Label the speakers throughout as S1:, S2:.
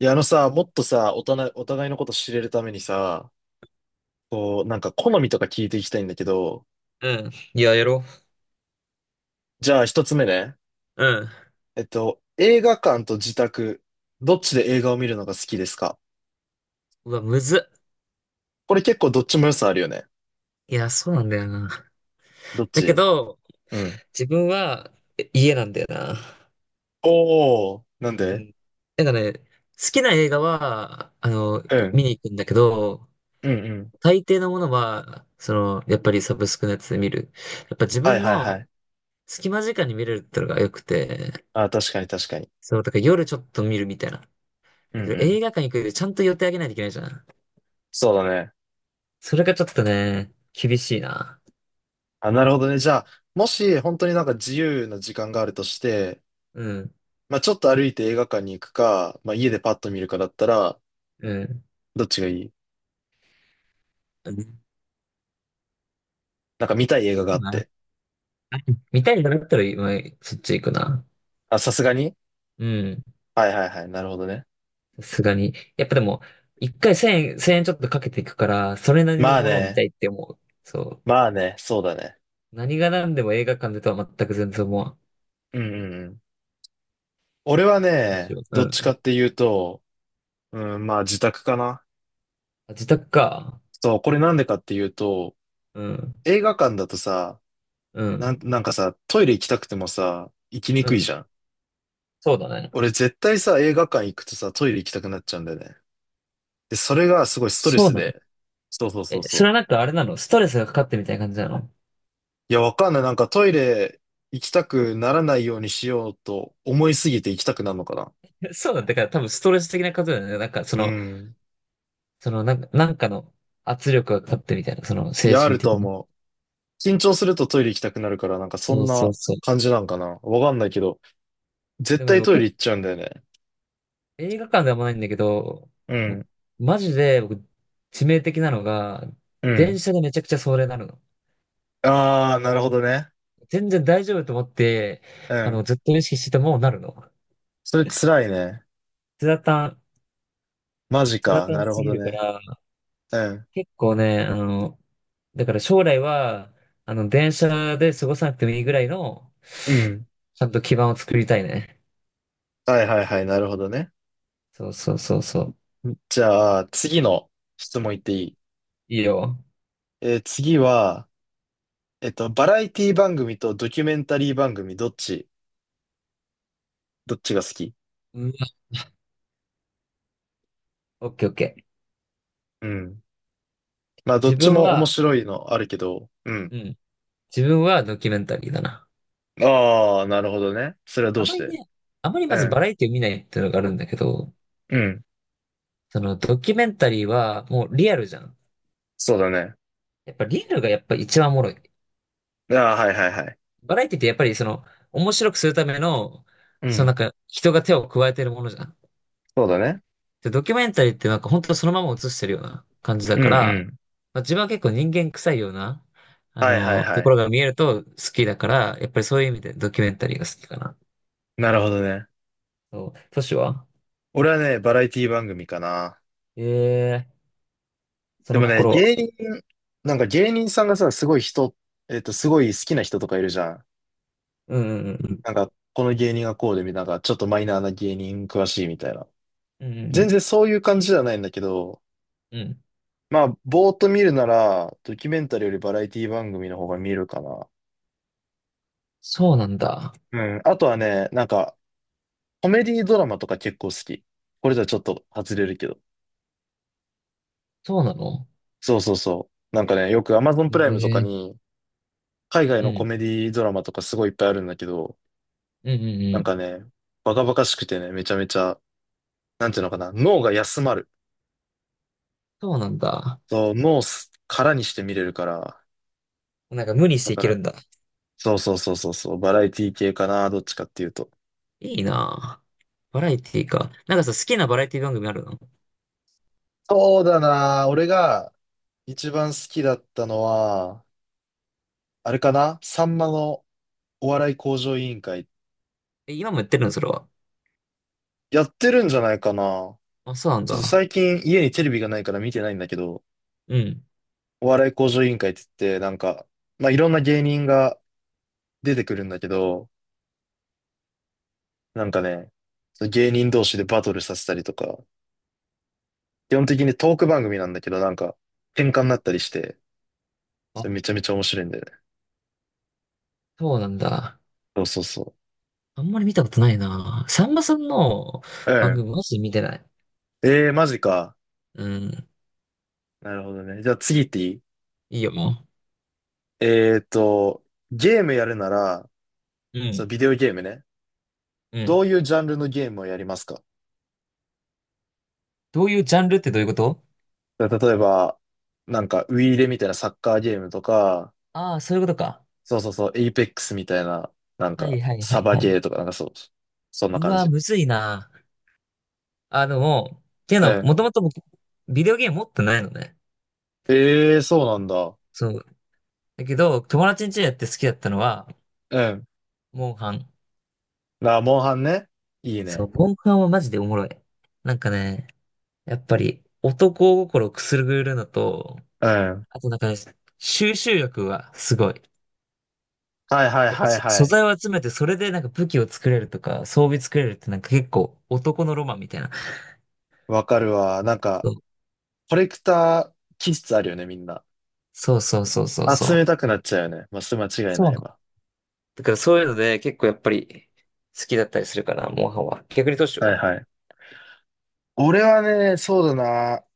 S1: いや、あのさ、もっとさ、お互いのこと知れるためにさ、こう、なんか好みとか聞いていきたいんだけど、
S2: うん。いや、やろ
S1: じゃあ一つ目ね。
S2: う。うん。
S1: 映画館と自宅、どっちで映画を見るのが好きですか？
S2: うわ、むずっ。
S1: これ結構どっちも良さあるよね。
S2: いや、そうなんだよな。
S1: どっ
S2: だけ
S1: ち？
S2: ど、
S1: うん。
S2: 自分は家なんだよな。
S1: おー、なん
S2: う
S1: で？
S2: ん。なんかね、好きな映画は、
S1: うん。
S2: 見に行くんだけど、
S1: うんうん。
S2: 大抵のものは、やっぱりサブスクのやつで見る。やっぱ自
S1: はい
S2: 分
S1: はいは
S2: の
S1: い。
S2: 隙間時間に見れるってのが良くて、
S1: あ、確かに確かに。
S2: そう、だから夜ちょっと見るみたいな。
S1: うん
S2: だけ
S1: う
S2: ど
S1: ん。
S2: 映画館行くよりちゃんと予定あげないといけないじゃん。
S1: そうだね。
S2: それがちょっとね、厳しいな。
S1: あ、なるほどね。じゃあ、もし本当になんか自由な時間があるとして、
S2: うん、
S1: まあちょっと歩いて映画館に行くか、まあ家でパッと見るかだったら、
S2: うん。
S1: どっちがいい？
S2: うん。
S1: なんか見たい映画があって。
S2: 見たいんだったら、まあそっち行くな。
S1: あ、さすがに。
S2: うん。
S1: はいはいはい。なるほどね。
S2: さすがに。やっぱでも、一回千円、千円ちょっとかけていくから、それなりの
S1: まあ
S2: ものを見た
S1: ね。
S2: いって思う。そ
S1: まあね。そうだね。
S2: う。何が何でも映画館でとは全く全然思わん。
S1: うんうんうん。俺は
S2: どうし
S1: ね、
S2: よう。
S1: ど
S2: う
S1: っちかっ
S2: ん。
S1: ていうと、うん、まあ自宅かな。
S2: あ、自宅か。
S1: そう、これなんでかっていうと、
S2: うん。
S1: 映画館だとさ、
S2: う
S1: なん、
S2: ん。
S1: なんかさ、トイレ行きたくてもさ、行きに
S2: う
S1: くいじ
S2: ん。
S1: ゃん。
S2: そうだね。
S1: 俺絶対さ、映画館行くとさ、トイレ行きたくなっちゃうんだよね。で、それがすごいストレ
S2: そう
S1: ス
S2: なの。
S1: で。そうそうそ
S2: え、
S1: うそ
S2: それ
S1: う。
S2: はなんかあれなの？ストレスがかかってみたいな感じなの？
S1: いや、わかんない。なんかトイレ行きたくならないようにしようと思いすぎて行きたくなるのかな。
S2: そうなんだから、多分ストレス的なことだよね。なんかそ
S1: う
S2: の、
S1: ん。
S2: そのなんか、なんかの圧力がかかってみたいな。その
S1: い
S2: 精
S1: や、あ
S2: 神
S1: る
S2: 的
S1: と
S2: に。
S1: 思う。緊張するとトイレ行きたくなるから、なんかそ
S2: そ
S1: ん
S2: うそ
S1: な
S2: うそう。
S1: 感じなんかな。わかんないけど、絶
S2: でもで
S1: 対
S2: も
S1: トイレ行っちゃうんだよね。
S2: 映画館ではあんまないんだけど、
S1: う
S2: も
S1: ん。
S2: うマジで僕、致命的なのが、
S1: う
S2: 電
S1: ん。
S2: 車でめちゃくちゃそれなるの。
S1: ああ、なるほどね。
S2: 全然大丈夫と思って、
S1: うん。
S2: ずっと意識しててもなるの。
S1: それ辛いね。
S2: つらたん、
S1: マジ
S2: つら
S1: か。
S2: た
S1: な
S2: ん
S1: る
S2: す
S1: ほ
S2: ぎ
S1: ど
S2: るか
S1: ね。
S2: ら、
S1: うん。
S2: 結構ね、だから将来は、電車で過ごさなくてもいいぐらいの、
S1: うん。
S2: ちゃんと基盤を作りたいね。
S1: はいはいはい。なるほどね。
S2: そうそうそうそう。
S1: じゃあ、次の質問いっていい？
S2: いいよ。
S1: 次は、バラエティ番組とドキュメンタリー番組、どっちが好き？
S2: うん、オッケーオッケー。
S1: うん。まあ、どっ
S2: 自
S1: ち
S2: 分
S1: も面
S2: は、
S1: 白いのあるけど、うん。
S2: うん、自分はドキュメンタリーだな。
S1: ああ、なるほどね。それはど
S2: あ
S1: う
S2: ま
S1: し
S2: り
S1: て？
S2: ね、あまりま
S1: う
S2: ずバ
S1: ん。
S2: ラエティを見ないっていうのがあるんだけど、
S1: うん。
S2: そのドキュメンタリーはもうリアルじゃん。
S1: そうだね。
S2: やっぱリアルがやっぱ一番おもろい。
S1: ああ、はいはいはい。
S2: バラエティってやっぱりその面白くするための、
S1: う
S2: そのなん
S1: ん。
S2: か人が手を加えてるものじゃん。
S1: そうだね。
S2: で、ドキュメンタリーってなんか本当そのまま映してるような感じだ
S1: うん
S2: から、
S1: うん。
S2: まあ、自分は結構人間臭いような、あ
S1: はいはい
S2: の
S1: は
S2: とこ
S1: い。
S2: ろが見えると好きだから、やっぱりそういう意味でドキュメンタリーが好きかな。
S1: なるほどね。
S2: そう、都市は。
S1: 俺はね、バラエティ番組かな。
S2: ええー、そ
S1: で
S2: の
S1: もね、
S2: 心は？
S1: 芸人、なんか芸人さんがさ、すごい人、すごい好きな人とかいるじゃん。
S2: うんうんうん。
S1: なんか、この芸人がこうで、みたいななんか、ちょっとマイナーな芸人詳しいみたいな。
S2: うんうんう
S1: 全
S2: ん。
S1: 然そういう感じじゃないんだけど、
S2: うん。
S1: まあ、ぼーっと見るなら、ドキュメンタリーよりバラエティ番組の方が見るかな。
S2: そうなんだ。
S1: うん。あとはね、なんか、コメディドラマとか結構好き。これじゃちょっと外れるけど。
S2: そうなの？
S1: そうそうそう。なんかね、よく Amazon プライムとか
S2: ええ、
S1: に、海外
S2: う
S1: のコ
S2: ん。
S1: メディドラマとかすごいいっぱいあるんだけど、
S2: うんうん
S1: な
S2: う
S1: んか
S2: ん。
S1: ね、バカバカしくてね、めちゃめちゃ、なんていうのかな、脳が休まる。
S2: そうなんだ。
S1: そう、脳を空にして見れるから、
S2: なんか無理し
S1: だ
S2: てい
S1: か
S2: け
S1: ら、
S2: るんだ。
S1: そうそうそうそうそう、バラエティ系かな、どっちかっていうと。
S2: いいなぁ。バラエティか。なんかさ、好きなバラエティ番組あるの？
S1: そうだな。俺が一番好きだったのは、あれかな、さんまのお笑い向上委員会。
S2: え、今もやってるのそれは？
S1: やってるんじゃないかな。ち
S2: あ、そうなん
S1: ょっと
S2: だ。
S1: 最近家にテレビがないから見てないんだけど、
S2: うん。
S1: お笑い向上委員会って言って、なんか、まあ、いろんな芸人が出てくるんだけど、なんかね、芸人同士でバトルさせたりとか、基本的にトーク番組なんだけど、なんか、喧嘩になったりして、
S2: あ、
S1: それめちゃめちゃ面白いんだよね。
S2: そうなんだ。
S1: そうそうそ
S2: あんまり見たことないなぁ。さんまさんの
S1: う。う
S2: 番
S1: ん。
S2: 組マジで見てない。
S1: ええー、マジか。
S2: うん。
S1: なるほどね。じゃあ次行っていい？
S2: いいよ、も
S1: えーっと、ゲームやるなら、
S2: う。う
S1: そう、
S2: ん。
S1: ビデオゲームね。
S2: う
S1: ど
S2: ん。
S1: ういうジャンルのゲームをやりますか？
S2: どういうジャンルってどういうこと？
S1: だから例えば、なんか、ウイイレみたいなサッカーゲームとか、
S2: ああー、そういうことか。
S1: そうそうそう、エイペックスみたいな、なん
S2: は
S1: か、
S2: いはいは
S1: サ
S2: い
S1: バ
S2: はい。
S1: ゲーとか、なんかそう、そんな
S2: う
S1: 感
S2: わ、
S1: じ。
S2: むずいなぁ。もう、っていう
S1: う
S2: のは、
S1: ん。
S2: もともと僕、ビデオゲーム持ってないのね。
S1: えー、そうなんだ。
S2: そう。だけど、友達ん家でやって好きだったのは、
S1: うん。
S2: モンハン。
S1: モンハンね。いい
S2: そ
S1: ね。
S2: う、モンハンはマジでおもろい。なんかね、やっぱり、男心をくすぐるのと、
S1: うん。
S2: あとなんかね、収集力はすごい。
S1: はいはい
S2: やっぱ
S1: はいは
S2: 素
S1: い。
S2: 材を集めて、それでなんか武器を作れるとか、装備作れるってなんか結構男のロマンみたいな。
S1: わかるわ。なんか、コレクター気質あるよね、みんな。
S2: そうそうそうそうそう
S1: 集め
S2: そう。
S1: たくなっちゃうよね。まあ、それ間違い
S2: そう
S1: な
S2: な
S1: い
S2: の？
S1: わ。
S2: だからそういうので結構やっぱり好きだったりするかな、モンハンは。逆にどうしよ
S1: はい
S2: う。
S1: はい。俺はね、そうだな。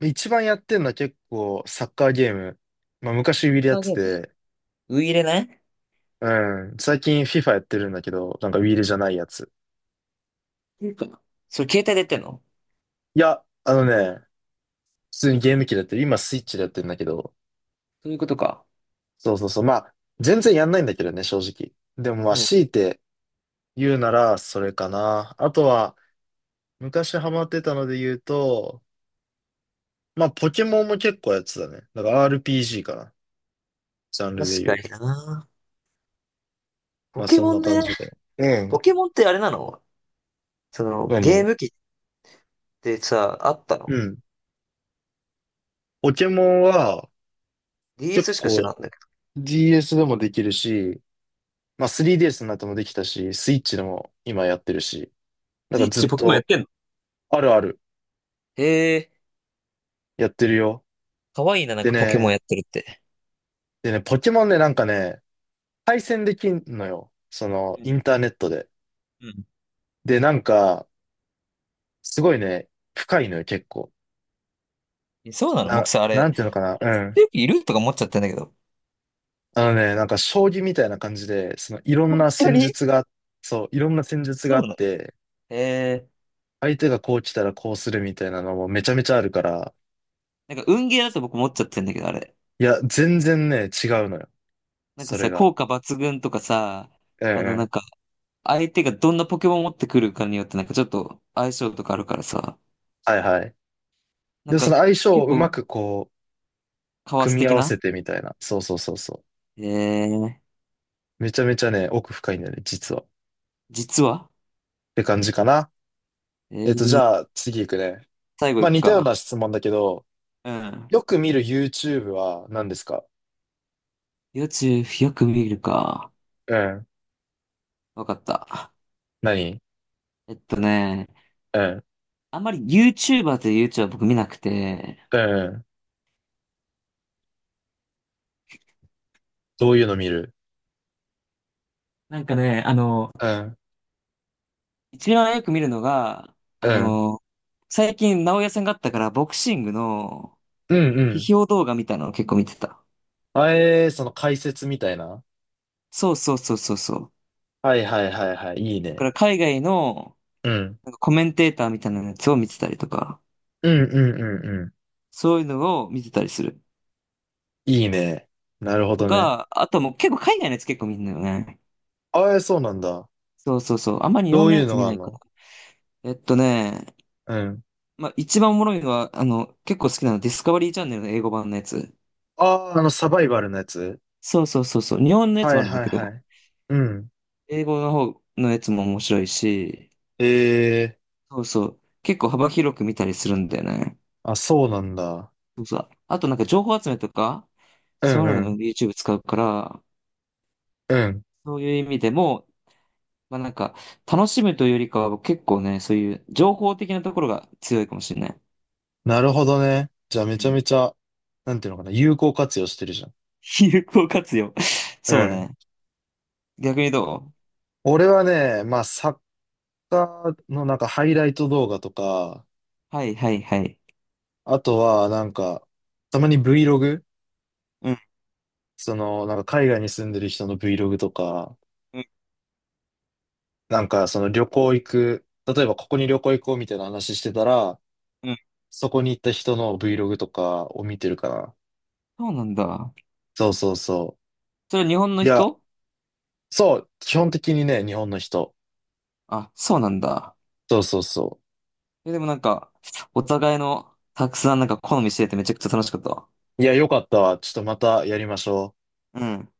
S1: 一番やってんのは結構サッカーゲーム。まあ昔ウィールやっ
S2: カー
S1: て
S2: ゲー
S1: て、
S2: ム。ウイイレね。
S1: うん。最近 FIFA やってるんだけど、なんかウィールじゃないやつ。
S2: いいか。それ携帯でやってんの？
S1: いや、あのね、普通にゲーム機でやってる。今スイッチでやってるんだけど。
S2: そういうことか。
S1: そうそうそう。まあ、全然やんないんだけどね、正直。でもま
S2: う
S1: あ、強
S2: ん。
S1: いて言うならそれかな。あとは、昔ハマってたので言うと、まあ、ポケモンも結構やってたね。だから RPG かな。ジャンルで
S2: 確
S1: 言
S2: か
S1: う
S2: に
S1: と。
S2: な。
S1: ま
S2: ポ
S1: あ、
S2: ケ
S1: そん
S2: モ
S1: な
S2: ン
S1: 感
S2: ね。
S1: じで。うん。
S2: ポケモンってあれなの？ゲー
S1: 何？
S2: ム機ってさ、あった
S1: う
S2: の
S1: ん。ポケモンは結
S2: ?DS しか知
S1: 構
S2: らんだけど。
S1: DS でもできるし、まあ 3DS になってもできたし、スイッチでも今やってるし、なん
S2: スイ
S1: か
S2: ッ
S1: ずっ
S2: チポケモンやっ
S1: と
S2: てんの？
S1: あるある
S2: へえ、
S1: やってるよ。
S2: かわいいな、なん
S1: で
S2: かポケモン
S1: ね、
S2: やってるって。
S1: ポケモンね、なんかね、対戦できんのよ。その
S2: う
S1: イ
S2: ん。
S1: ンターネットで。
S2: うん。
S1: で、なんか、すごいね、深いのよ、結構。
S2: そうなの？
S1: な、
S2: 僕さ、あ
S1: な
S2: れ、
S1: んていうのかな、
S2: あれ
S1: う
S2: 絶
S1: ん。
S2: 対いるとか思っちゃってんだけど。
S1: あのね、なんか将棋みたいな感じで、そのいろん
S2: 本
S1: な
S2: 当
S1: 戦
S2: に？
S1: 術が、そう、いろんな戦術が
S2: そ
S1: あ
S2: う
S1: っ
S2: なの？
S1: て、
S2: へえ、
S1: 相手がこう来たらこうするみたいなのもめちゃめちゃあるから、
S2: なんか運ゲーだと僕思っちゃってんだけど、あれ。
S1: いや、全然ね、違うのよ。
S2: なんか
S1: それ
S2: さ、
S1: が。
S2: 効果抜群とかさ、
S1: うんう
S2: なん
S1: ん。
S2: か、相手がどんなポケモンを持ってくるかによってなんかちょっと相性とかあるからさ、
S1: はいはい。
S2: なん
S1: で、そ
S2: か
S1: の相性を
S2: 結
S1: うま
S2: 構
S1: くこう、
S2: カワ
S1: 組
S2: ス
S1: み合
S2: 的
S1: わ
S2: な。
S1: せてみたいな。そうそうそうそ
S2: えー、
S1: う。めちゃめちゃね、奥深いんだよね、実は。っ
S2: 実は。
S1: て感じかな。
S2: え
S1: じ
S2: ー、
S1: ゃあ、次行くね。
S2: 最後
S1: ま
S2: い
S1: あ、
S2: く
S1: 似たよう
S2: か。
S1: な質問だけど、
S2: うん。
S1: よく見る YouTube は何ですか？
S2: YouTube よく見るか。
S1: うん。
S2: わかった。
S1: 何？
S2: えっとね、
S1: うん。
S2: あんまり YouTuber という YouTuber は僕見なくて、
S1: うん。どういうの見る？
S2: なんかね、
S1: うん。
S2: 一番よく見るのが、あ
S1: うん。
S2: の、最近直哉さんがあったからボクシングの
S1: うんうん。
S2: 批評動画みたいなのを結構見てた。
S1: その解説みたいな。
S2: そうそうそうそうそう。
S1: はいはいはいはい。いい
S2: だか
S1: ね。
S2: ら海外の、
S1: うん。
S2: なんかコメンテーターみたいなやつを見てたりとか、
S1: うんうんうんう
S2: そういうのを見てたりする。
S1: ん。いいね。なるほ
S2: と
S1: どね。
S2: か、あともう結構海外のやつ結構見るんよね。
S1: ああ、そうなんだ。
S2: そうそうそう。あんまり日
S1: ど
S2: 本
S1: う
S2: の
S1: い
S2: や
S1: うの
S2: つ見
S1: があ
S2: な
S1: る
S2: いか
S1: の？
S2: ら。
S1: うん。
S2: まあ一番おもろいのは、結構好きなのディスカバリーチャンネルの英語版のやつ。
S1: ああ、サバイバルのやつ？
S2: そうそうそうそう。日本のやつ
S1: は
S2: もあ
S1: い
S2: るんだ
S1: はい
S2: けど、
S1: はい。うん。
S2: 英語の方のやつも面白いし、
S1: ええ
S2: そうそう。結構幅広く見たりするんだよね。
S1: あ、そうなんだ。
S2: そうそう。あとなんか情報集めとか、
S1: う
S2: そ
S1: ん
S2: ういうの
S1: う
S2: でも
S1: ん。
S2: YouTube 使うから、
S1: うん。
S2: そういう意味でも、まあなんか、楽しむというよりかは結構ね、そういう情報的なところが強いかもしれない。
S1: なるほどね。じゃあ
S2: う
S1: めちゃ
S2: ん。
S1: めちゃ、なんていうのかな、有効活用してるじゃん。
S2: 有効活用。
S1: う
S2: そう
S1: ん。
S2: ね。逆にど
S1: 俺はね、まあ、サッカーのなんかハイライト動画とか、
S2: う？はいはいはい。
S1: あとはなんか、たまに Vlog？
S2: うん
S1: その、なんか海外に住んでる人の Vlog とか、
S2: うん
S1: なんかその旅行行く、例えばここに旅行行こうみたいな話してたら、
S2: うん。
S1: そこに行った人の Vlog とかを見てるかな。
S2: そうなんだ。
S1: そうそうそ
S2: それは日本
S1: う。
S2: の
S1: いや、
S2: 人？
S1: そう、基本的にね、日本の人。
S2: あ、そうなんだ。
S1: そうそうそ
S2: え、でもなんか、お互いのたくさんなんか好みしててめちゃくちゃ楽しかったわ。
S1: う。いや、よかったわ。ちょっとまたやりましょう。
S2: うん。